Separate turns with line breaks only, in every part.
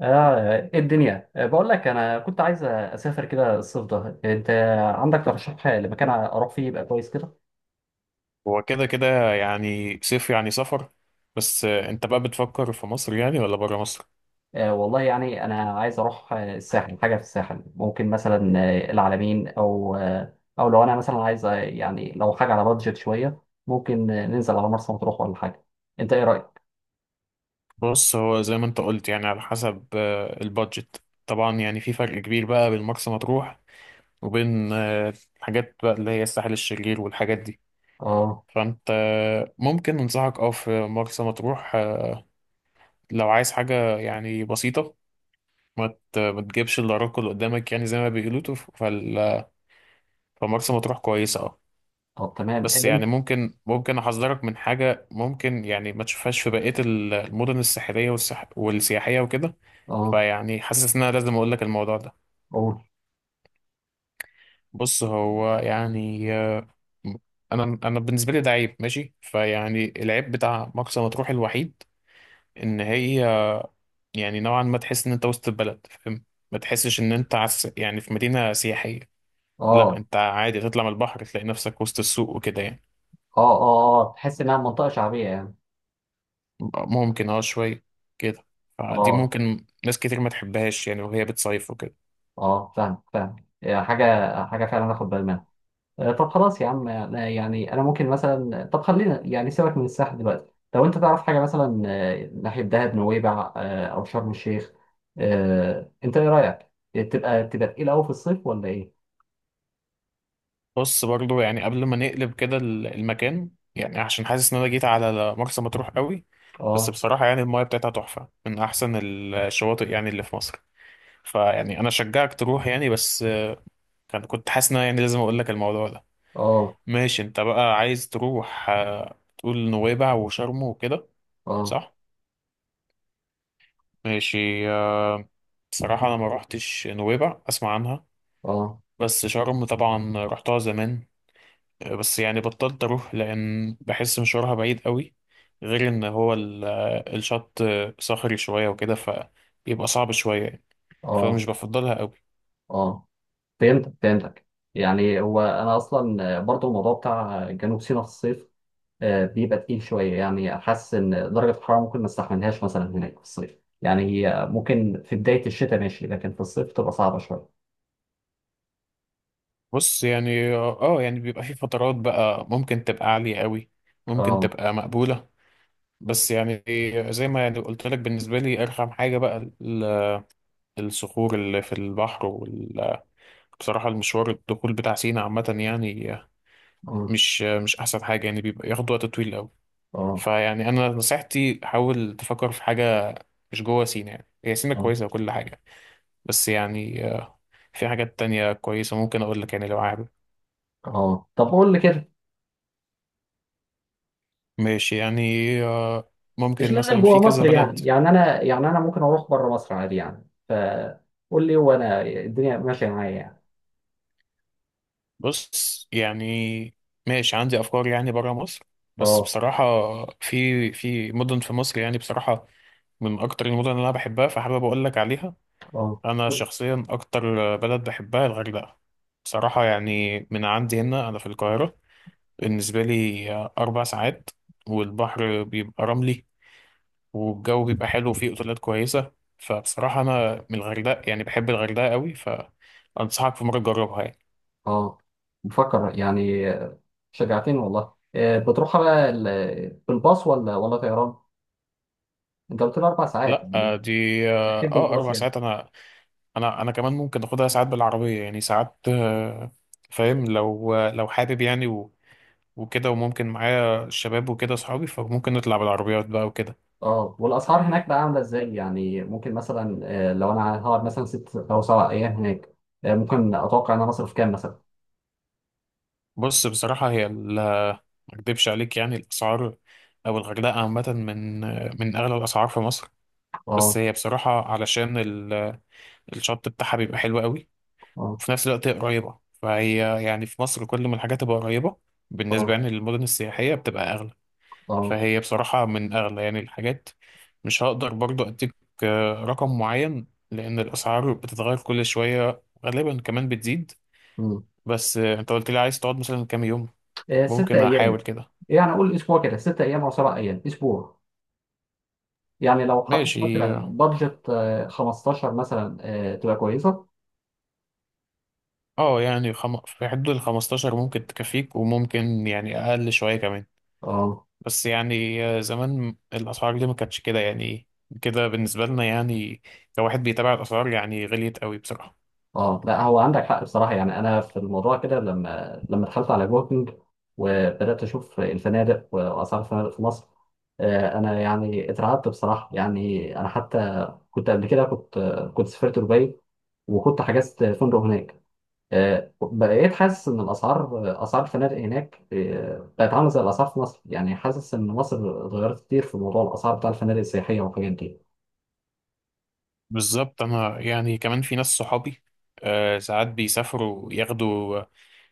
اه إيه الدنيا، بقول لك انا كنت عايز اسافر كده الصيف ده. انت عندك ترشيح لمكان اروح فيه يبقى كويس كده؟
هو كده كده، يعني صيف يعني سفر. بس انت بقى بتفكر في مصر يعني ولا بره مصر؟
والله يعني انا عايز اروح، الساحل، حاجه في الساحل ممكن مثلا العلمين، او لو انا مثلا عايز، يعني لو حاجه على بادجت شويه ممكن ننزل على مرسى مطروح ولا حاجه. انت ايه رايك؟
بص، هو زي ما انت قلت يعني على حسب البادجت. طبعا يعني في فرق كبير بقى بين مرسى مطروح وبين الحاجات بقى اللي هي الساحل الشرير والحاجات دي.
اه،
فانت ممكن انصحك في مرسى مطروح، لو عايز حاجة يعني بسيطة. ما تجيبش الا راكل قدامك يعني زي ما بيقولوا فمرسى مطروح كويسة
طب تمام.
بس
اه،
يعني ممكن احذرك من حاجه ممكن يعني ما تشوفهاش في بقيه المدن الساحليه والسياحيه وكده.
اه،
فيعني حاسس ان انا لازم اقول لك الموضوع ده.
قول.
بص، هو يعني. انا بالنسبه لي ده عيب ماشي. فيعني العيب بتاع مرسى مطروح الوحيد ان هي، يعني نوعا ما، تحس ان انت وسط البلد، فاهم؟ ما تحسش ان انت يعني في مدينه سياحيه. لا،
اه،
انت عادي تطلع من البحر تلاقي نفسك وسط السوق وكده يعني.
اه، اه، اه، تحس انها منطقه شعبيه يعني.
ممكن شوية كده. فدي
اه،
ممكن ناس كتير ما تحبهاش يعني وهي بتصيف وكده.
اه، فاهم فاهم. حاجه، حاجه فعلا اخد بالي منها. طب خلاص يا عم، يعني انا ممكن مثلا، طب خلينا يعني سيبك من الساحل دلوقتي. لو انت تعرف حاجه مثلا ناحيه دهب، نويبع، او شرم الشيخ، انت ايه رايك؟ تبقى تقيل قوي في الصيف ولا ايه؟
بص، برضو يعني قبل ما نقلب كده المكان، يعني عشان حاسس ان انا جيت على مرسى مطروح قوي. بس
اه،
بصراحة يعني المايه بتاعتها تحفة، من احسن الشواطئ يعني اللي في مصر. فيعني انا شجعك تروح يعني، بس كنت حاسس ان أنا يعني لازم اقول لك الموضوع ده.
اه،
ماشي، انت بقى عايز تروح، تقول نويبع وشرم وكده،
اه،
صح؟ ماشي. بصراحة انا ما روحتش نويبع، اسمع عنها
اه،
بس. شرم طبعا رحتها زمان، بس يعني بطلت اروح لان بحس مشوارها بعيد قوي، غير ان هو الشط صخري شوية وكده فبيبقى صعب شوية يعني،
اه،
فمش بفضلها قوي.
اه، فهمتك فهمتك. يعني هو انا اصلا برضو الموضوع بتاع جنوب سيناء في الصيف بيبقى تقيل شويه. يعني حاسس ان درجه الحراره ممكن ما استحملهاش مثلا هناك في الصيف. يعني هي ممكن في بدايه الشتاء ماشي، لكن في الصيف تبقى صعبه شويه.
بص يعني، يعني بيبقى في فترات بقى ممكن تبقى عالية قوي، ممكن
اه،
تبقى مقبولة. بس يعني، زي ما يعني قلت لك، بالنسبة لي أرخم حاجة بقى الصخور اللي في البحر. وبصراحة المشوار الدخول بتاع سينا عامة يعني
اه،
مش احسن حاجه يعني، بيبقى ياخد وقت طويل قوي.
اه،
فيعني انا نصيحتي حاول تفكر في حاجه مش جوه سينا. يعني هي سينا
اه،
كويسه وكل حاجه، بس يعني، في حاجات تانية كويسه ممكن اقول لك يعني لو عارف.
اه، طب قول لي كده.
ماشي يعني آه،
مش
ممكن
لازم
مثلا
جوه
في كذا
مصر،
بلد.
يعني يعني انا ممكن اروح بره مصر عادي، يعني فقول لي وانا الدنيا ماشيه معايا يعني.
بص يعني، ماشي عندي افكار يعني بره مصر، بس
اه،
بصراحه، في مدن في مصر يعني بصراحه من اكتر المدن اللي انا بحبها، فحابب اقول لك عليها.
اه،
انا شخصيا اكتر بلد بحبها الغردقه. بصراحه، يعني من عندي هنا انا في القاهره، بالنسبه لي 4 ساعات، والبحر بيبقى رملي، والجو بيبقى حلو، وفيه اوتيلات كويسه. فبصراحه انا من الغردقه يعني بحب الغردقه قوي، فانصحك في مره تجربها يعني.
اه، بفكر يعني. شجعتني والله. بتروح بقى بالباص ولا طيران؟ انت قلت لي اربع ساعات
لا
يعني؟
آه، دي
اكيد بالباص
اربع
يعني.
ساعات انا. انا كمان ممكن اخدها ساعات بالعربيه يعني، ساعات، فاهم؟ لو حابب يعني وكده، وممكن معايا الشباب وكده اصحابي، فممكن نطلع بالعربيات بقى وكده.
اه، والاسعار هناك بقى عامله ازاي؟ يعني ممكن مثلا لو انا هقعد مثلا ست او سبع ايام هناك، ممكن اتوقع ان انا اصرف كام مثلا؟
بص بصراحة، هي ما اكدبش عليك، يعني الأسعار أو الغردقة عامة من أغلى الأسعار في مصر. بس
اه،
هي بصراحة علشان الشط بتاعها بيبقى حلو قوي،
اه،
وفي نفس الوقت هي قريبة. فهي يعني في مصر كل ما الحاجات تبقى قريبة بالنسبة
اه،
يعني للمدن السياحية بتبقى أغلى.
اه،
فهي بصراحة من أغلى يعني الحاجات. مش هقدر برضو أديك رقم معين لأن الأسعار بتتغير كل شوية، غالبا كمان بتزيد.
مم.
بس، أنت قلت لي عايز تقعد مثلا كام يوم؟
ست
ممكن
ايام.
أحاول كده.
يعني اقول اسبوع كده، ست ايام او سبع ايام، اسبوع. يعني لو حطيت
ماشي.
مثلا بادجت 15 مثلا، تبقى كويسه؟
اه يعني في حدود ال 15 ممكن تكفيك، وممكن يعني اقل شويه كمان.
اه،
بس يعني، زمان الاسعار دي ما كانتش كده يعني، كده بالنسبه لنا يعني، كواحد بيتابع الاسعار يعني، غليت قوي بصراحه.
اه، لا هو عندك حق بصراحه. يعني انا في الموضوع كده، لما دخلت على جوكينج وبدات اشوف الفنادق واسعار الفنادق في مصر، انا يعني اترعبت بصراحه. يعني انا حتى كنت قبل كده كنت كنت سافرت دبي وكنت حجزت فندق هناك. بقيت حاسس ان الاسعار، اسعار الفنادق هناك بقت عامله زي الاسعار في مصر. يعني حاسس ان مصر اتغيرت كتير في موضوع الاسعار بتاع الفنادق السياحيه والحاجات دي.
بالظبط، انا يعني كمان في ناس صحابي، ساعات بيسافروا، ياخدوا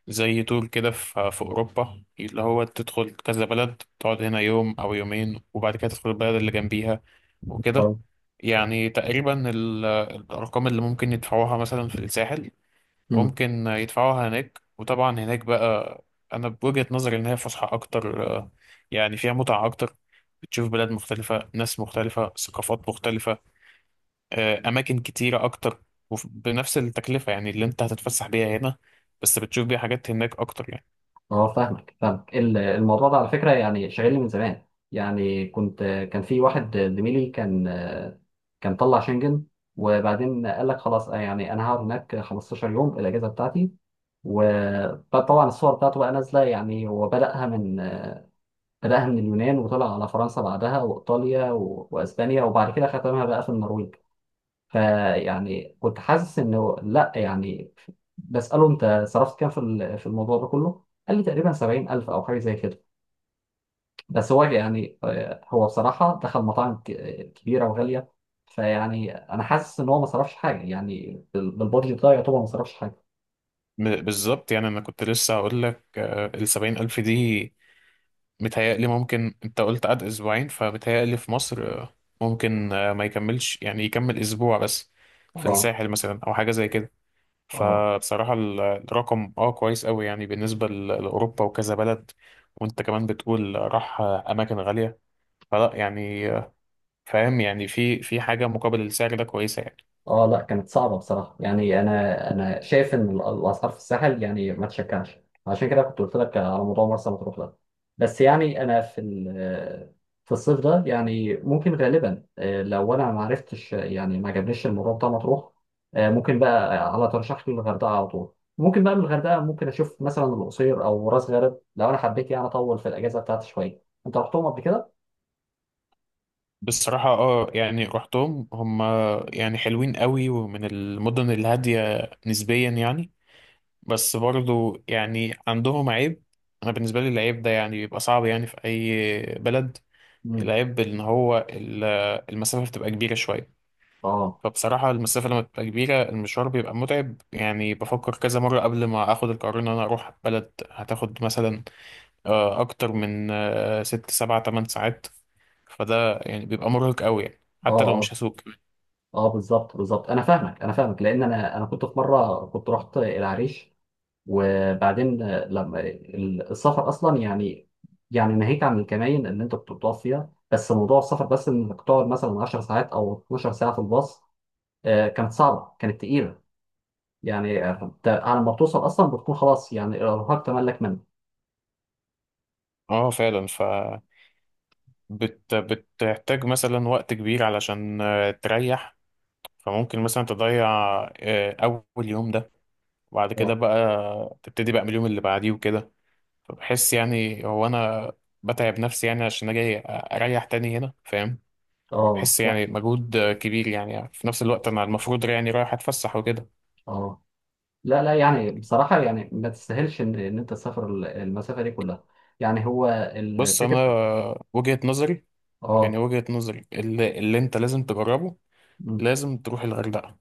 زي تور كده في أوروبا اللي هو تدخل كذا بلد، تقعد هنا يوم أو يومين، وبعد كده تدخل البلد اللي جنبيها وكده. يعني تقريبا الأرقام اللي ممكن يدفعوها مثلا في الساحل
آه.
ممكن يدفعوها هناك. وطبعا هناك بقى، أنا بوجهة نظري إن هي فسحة أكتر، يعني فيها متعة أكتر، بتشوف بلاد مختلفة، ناس مختلفة، ثقافات مختلفة، أماكن كتيرة أكتر، وبنفس التكلفة يعني اللي أنت هتتفسح بيها هنا بس بتشوف بيها حاجات هناك أكتر يعني.
اه، فاهمك فاهمك. الموضوع ده على فكرة يعني شاغلني من زمان. يعني كنت، كان في واحد زميلي، كان طلع شنجن، وبعدين قال لك خلاص، يعني انا هقعد هناك 15 يوم الاجازة بتاعتي. وطبعا الصور بتاعته بقى نازلة، يعني هو بدأها من اليونان وطلع على فرنسا بعدها وإيطاليا وأسبانيا، وبعد كده ختمها بقى في النرويج. فيعني كنت حاسس انه لا يعني. بساله انت صرفت كام في في الموضوع ده كله؟ قال لي تقريبا 70,000 او حاجه زي كده. بس هو يعني هو بصراحه دخل مطاعم كبيره وغاليه. فيعني انا حاسس ان هو ما صرفش حاجه، يعني بالبادجت ده يعتبر ما صرفش حاجه.
بالظبط، يعني انا كنت لسه هقول لك، 70,000 دي، متهيألي ممكن انت قلت قعد اسبوعين، فمتهيألي في مصر ممكن ما يكملش يعني، يكمل اسبوع بس في
اه،
الساحل مثلا او حاجه زي كده.
اه،
فبصراحه الرقم كويس قوي يعني، بالنسبه لاوروبا وكذا بلد، وانت كمان بتقول راح، اماكن غاليه. فلا يعني، فاهم يعني في حاجه مقابل السعر ده كويسه يعني.
اه، لا كانت صعبة بصراحة. يعني انا شايف ان الاسعار في الساحل يعني ما تشجعش. عشان كده كنت قلت لك على موضوع مرسى مطروح ده. بس يعني انا في في الصيف ده يعني ممكن غالبا، لو انا ما عرفتش، يعني ما عجبنيش الموضوع بتاع مطروح، ممكن بقى على ترشح لي الغردقة على طول. ممكن بقى من الغردقة ممكن اشوف مثلا القصير او راس غارب لو انا حبيت يعني اطول في الاجازة بتاعتي شوية. انت رحتهم قبل كده؟
بصراحة يعني رحتهم، هم يعني حلوين قوي ومن المدن الهادية نسبيا يعني. بس برضو يعني عندهم عيب. أنا بالنسبة لي العيب ده يعني بيبقى صعب يعني في أي بلد.
مم.
العيب إن هو المسافة بتبقى كبيرة شوية.
اه،
فبصراحة المسافة لما بتبقى كبيرة، المشوار بيبقى متعب يعني، بفكر كذا مرة قبل ما آخد القرار إن أنا أروح بلد هتاخد مثلا أكتر من 6 7 8 ساعات. فده يعني بيبقى مرهق قوي يعني حتى لو
اه،
مش هسوق.
اه، بالظبط بالظبط، انا فاهمك انا فاهمك. لان انا كنت في مره كنت رحت العريش، وبعدين لما، السفر اصلا يعني، يعني ناهيك عن الكماين اللي انت كنت بتقف فيها، بس موضوع السفر، بس انك تقعد مثلا 10 ساعات او 12 ساعه في الباص، كانت صعبه كانت تقيله. يعني انت على ما بتوصل اصلا بتكون خلاص، يعني الارهاق تملك منك.
اه، فعلا. بتحتاج مثلا وقت كبير علشان تريح. فممكن مثلا تضيع اول يوم ده، وبعد كده
اه،
بقى تبتدي بقى من اليوم اللي بعديه وكده. فبحس يعني هو انا بتعب نفسي يعني عشان اجي اريح تاني هنا، فاهم؟
اه،
بحس
فاهم.
يعني مجهود كبير يعني، في نفس الوقت انا المفروض يعني رايح اتفسح وكده.
اه، لا لا يعني بصراحه، يعني ما تستاهلش ان انت تسافر المسافه دي كلها. يعني هو
بص، انا
الفكره.
آه، وجهة نظري يعني،
اه،
وجهة نظري اللي انت لازم تجربه،
مم.
لازم تروح الغردقة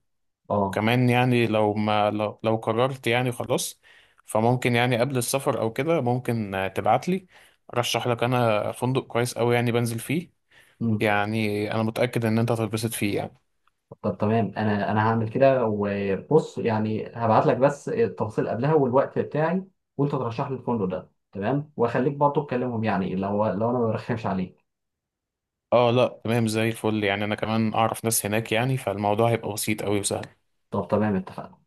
اه،
كمان. يعني لو ما لو, لو قررت يعني خلاص، فممكن يعني قبل السفر او كده ممكن، تبعت لي، ارشح لك انا فندق كويس قوي يعني بنزل فيه.
مم.
يعني انا متأكد ان انت هتتبسط فيه يعني.
طب تمام، انا هعمل كده. وبص، يعني هبعت لك بس التفاصيل قبلها والوقت بتاعي وانت ترشح لي الفندق ده. تمام؟ واخليك برضه تكلمهم يعني، لو انا ما برخمش عليك.
اه، لا تمام، زي الفل يعني. انا كمان اعرف ناس هناك يعني، فالموضوع هيبقى بسيط قوي وسهل.
طب تمام، اتفقنا.